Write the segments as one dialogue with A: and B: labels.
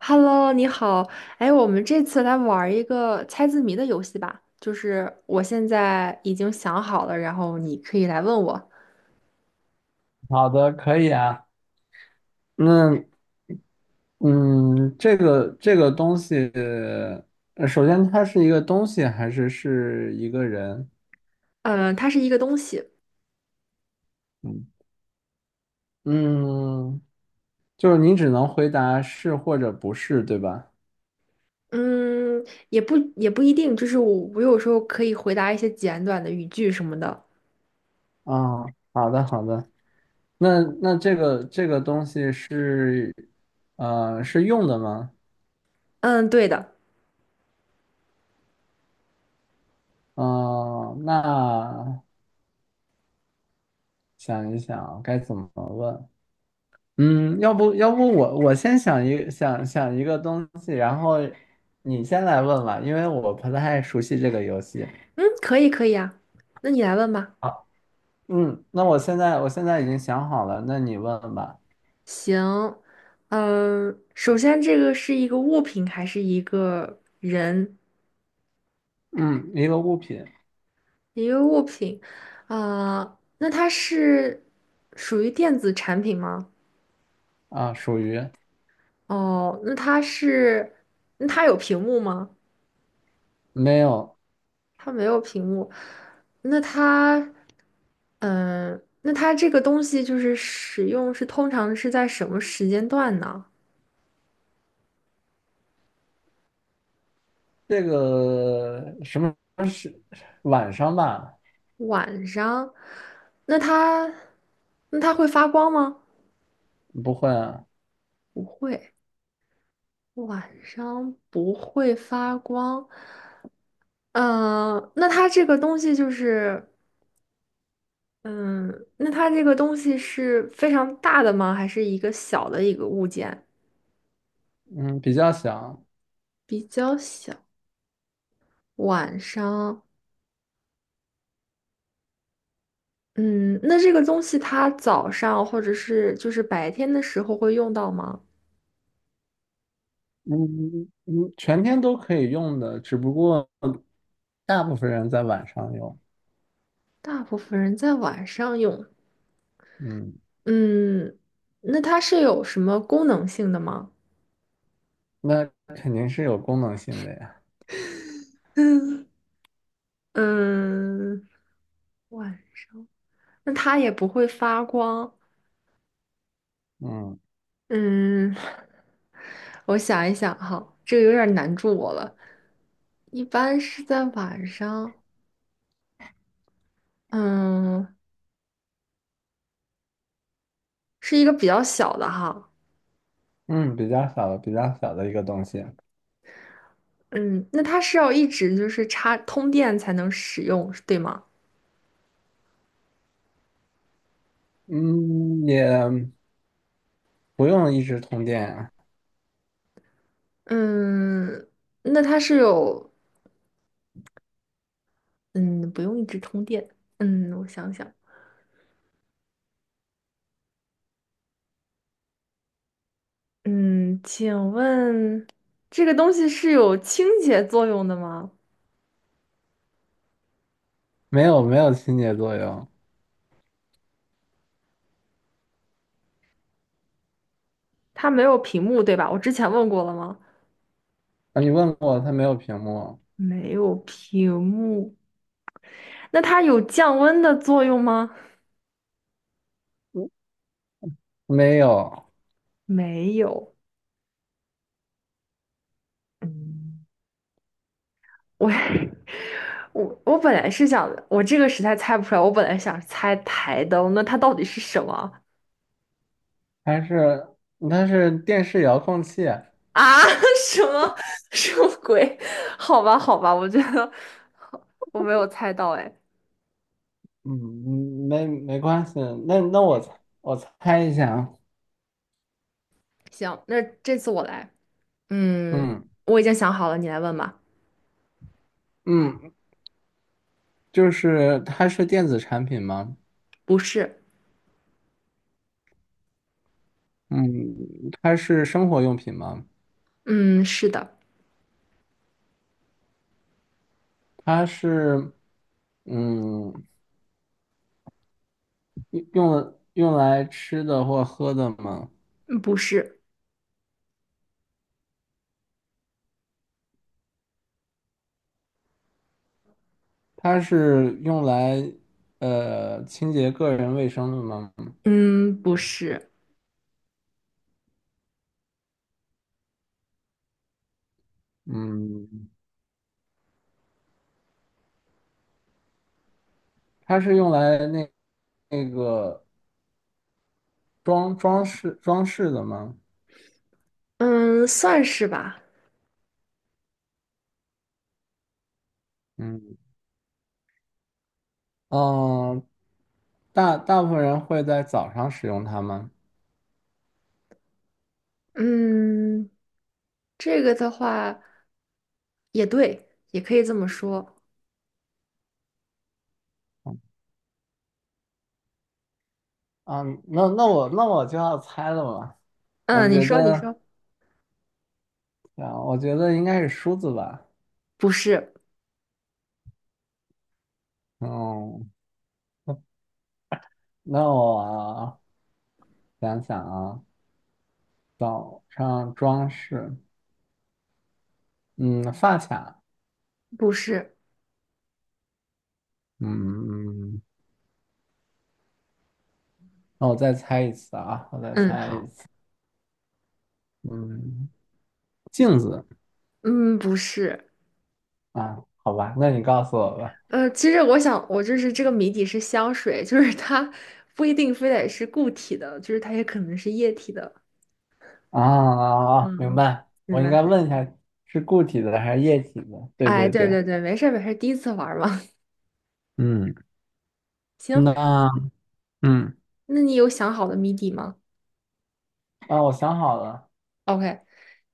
A: Hello，你好。哎，我们这次来玩儿一个猜字谜的游戏吧。就是我现在已经想好了，然后你可以来问我。
B: 好的，可以啊。那嗯，这个东西，首先它是一个东西还是是一个人？
A: 嗯，它是一个东西。
B: 嗯嗯，就是你只能回答是或者不是，对吧？
A: 嗯，也不一定，就是我有时候可以回答一些简短的语句什么的。
B: 啊、好的好的。那这个东西是是用的吗？
A: 嗯，对的。
B: 嗯、那想一想该怎么问？嗯，要不我先想一想想一个东西，然后你先来问吧，因为我不太熟悉这个游戏。
A: 嗯，可以啊。那你来问吧。
B: 好，嗯，那我现在已经想好了，那你问吧。
A: 行。嗯，首先这个是一个物品还是一个人？
B: 嗯，一个物品。
A: 一个物品，啊、那它是属于电子产品吗？
B: 啊，属于。
A: 哦，那它是，那它有屏幕吗？
B: 没有。
A: 它没有屏幕，那它，那它这个东西就是使用是通常是在什么时间段呢？
B: 这个什么，是晚上吧？
A: 晚上？那它，那它会发光吗？
B: 不会啊。
A: 不会，晚上不会发光。嗯、那它这个东西就是。嗯，那它这个东西是非常大的吗？还是一个小的一个物件？
B: 嗯，比较小。
A: 比较小。晚上，嗯，那这个东西它早上或者是就是白天的时候会用到吗？
B: 嗯嗯，全天都可以用的，只不过大部分人在晚上用。
A: 大部分人在晚上用。
B: 嗯，
A: 嗯，那它是有什么功能性的吗？
B: 那肯定是有功能性的呀。
A: 嗯，晚上，那它也不会发光。
B: 嗯
A: 嗯，我想一想哈，这个有点难住我了。一般是在晚上，嗯，是一个比较小的哈，
B: 嗯，比较小的，比较小的一个东西。
A: 嗯，那它是要一直就是插通电才能使用，对吗？
B: 嗯，也不用一直通电啊。
A: 嗯，那它是有，嗯，不用一直通电，嗯，我想想，嗯，请问这个东西是有清洁作用的吗？
B: 没有，没有清洁作用。
A: 它没有屏幕，对吧？我之前问过了吗？
B: 啊。你问过它没有屏幕？
A: 没有屏幕，那它有降温的作用吗？
B: 嗯，没有。
A: 没有。嗯，我 我本来是想，我这个实在猜不出来。我本来想猜台灯，那它到底是什么
B: 它是它是电视遥控器啊。
A: 啊？什么什么鬼？好吧，好吧，我觉得我没有猜到。哎，
B: 嗯，没没关系。那我猜一下啊。
A: 行，那这次我来。嗯，
B: 嗯，
A: 我已经想好了，你来问吧。
B: 嗯，就是它是电子产品吗？
A: 不是，
B: 嗯，它是生活用品吗？
A: 嗯，是的，
B: 它是，嗯，用来吃的或喝的吗？
A: 嗯不是，
B: 它是用来清洁个人卫生的吗？
A: 嗯，不是。
B: 嗯，它是用来那那个装饰的吗？
A: 嗯，算是吧。
B: 嗯嗯，大大部分人会在早上使用它吗？
A: 嗯，这个的话也对，也可以这么说。
B: 啊，那我就要猜了吧。我
A: 嗯，你嗯
B: 觉
A: 说，你
B: 得。
A: 说，
B: 啊，我觉得应该是梳子吧。
A: 不是，
B: 嗯，那我想想啊。早上装饰，嗯，发卡，
A: 不是。
B: 嗯，那我再猜一次啊，我再
A: 嗯，
B: 猜一
A: 好，
B: 次，嗯，镜子。
A: 嗯，不是。
B: 啊，好吧，那你告诉我吧。
A: 其实我想，我就是这个谜底是香水，就是它不一定非得是固体的，就是它也可能是液体的。
B: 啊啊啊！明
A: 嗯，
B: 白，
A: 明
B: 我应该
A: 白。
B: 问一下是固体的还是液体的？对
A: 哎，
B: 对
A: 对
B: 对，
A: 对对，没事儿没事儿，第一次玩儿嘛。
B: 嗯，
A: 行，
B: 那嗯
A: 那你有想好的谜底吗
B: 啊，我想好了，
A: ？OK,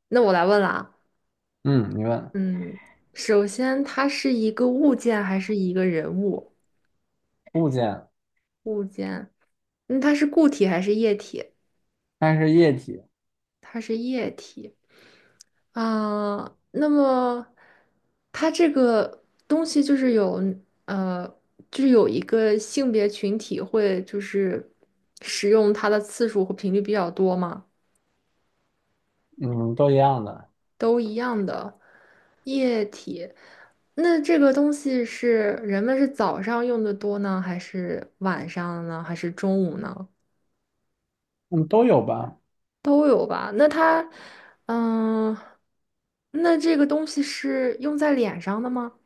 A: 那我来问了啊。
B: 嗯，你问。
A: 嗯，首先它是一个物件还是一个人物？
B: 物件，
A: 物件，嗯，它是固体还是液体？
B: 但是液体。
A: 它是液体。啊、那么它这个东西就是有呃，就是有一个性别群体会就是使用它的次数和频率比较多吗？
B: 嗯，都一样的。
A: 都一样的液体。那这个东西是人们是早上用的多呢，还是晚上呢，还是中午呢？
B: 嗯，都有吧？
A: 都有吧？那它，嗯，那这个东西是用在脸上的吗？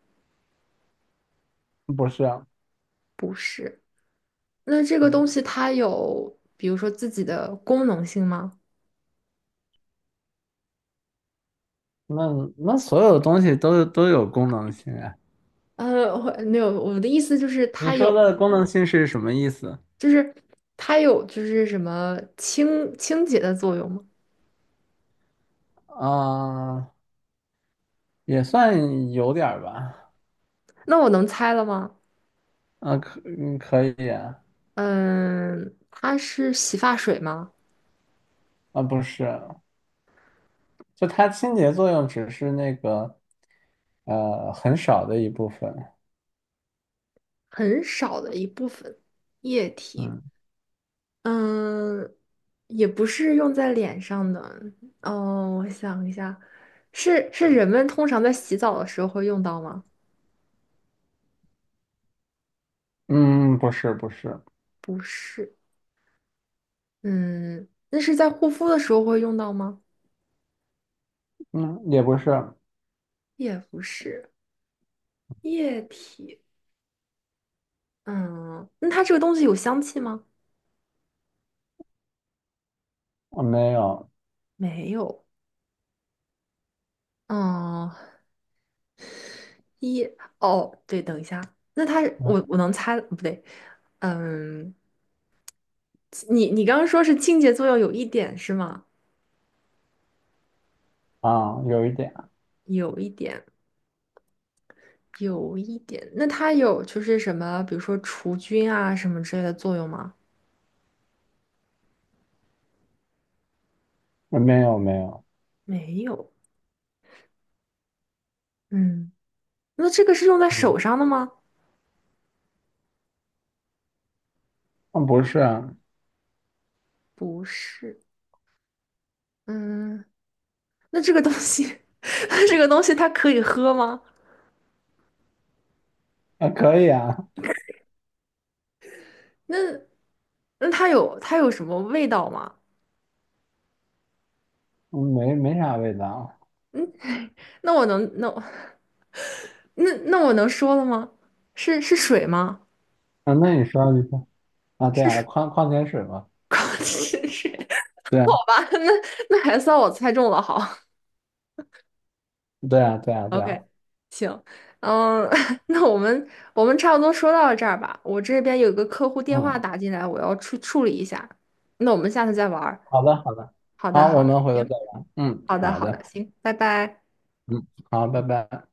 B: 不是啊。
A: 那这个
B: 嗯，
A: 东西它有，比如说自己的功能性吗？
B: 那那所有东西都有功能性啊。
A: 我没有，我的意思就是
B: 你
A: 它有，
B: 说的功能性是什么意思？
A: 就是它有，就是什么清清洁的作用吗？
B: 啊、也算有点儿吧。
A: 那我能猜了吗？
B: 啊，可以啊。
A: 嗯，它是洗发水吗？
B: 啊，不是，就它清洁作用只是那个很少的一部分。
A: 很少的一部分液体。
B: 嗯
A: 嗯，也不是用在脸上的。哦，我想一下，是人们通常在洗澡的时候会用到吗？
B: 嗯，不是不是。
A: 不是。嗯，那是在护肤的时候会用到吗？
B: 嗯，也不是。
A: 也不是。液体。嗯，那它这个东西有香气吗？
B: 我没有。
A: 没有。嗯，一，哦，对，等一下，那它
B: 嗯
A: 我能猜，不对。嗯，你刚刚说是清洁作用有一点是吗？
B: 啊，有一点。
A: 有一点，有一点。那它有就是什么，比如说除菌啊什么之类的作用吗？
B: 没有没有。
A: 没有。嗯，那这个是用在
B: 嗯，
A: 手上的吗？
B: 啊不是啊。
A: 不是。嗯，那这个东西，那这个东西它可以喝吗？
B: 啊可以啊。
A: 那那它有什么味道吗？
B: 嗯，没没啥味道。
A: 嗯，那我 那我能说了吗？是水吗？
B: 啊，那你说你说。啊，对
A: 是
B: 啊，
A: 水
B: 矿矿泉水嘛。
A: 是水。
B: 对啊
A: 吧，那那还算我猜中了，好
B: 对啊对啊对啊。
A: ，OK,行，嗯，那我们差不多说到这儿吧，我这边有一个客户电话
B: 嗯。
A: 打进来，我要处理一下，那我们下次再玩儿。
B: 好的，好的，
A: 好的，
B: 好，
A: 好
B: 我
A: 的，
B: 们回头
A: 行，
B: 再玩。嗯，
A: 好的，
B: 好
A: 好的，
B: 的，
A: 行，拜拜。
B: 嗯，好，拜拜。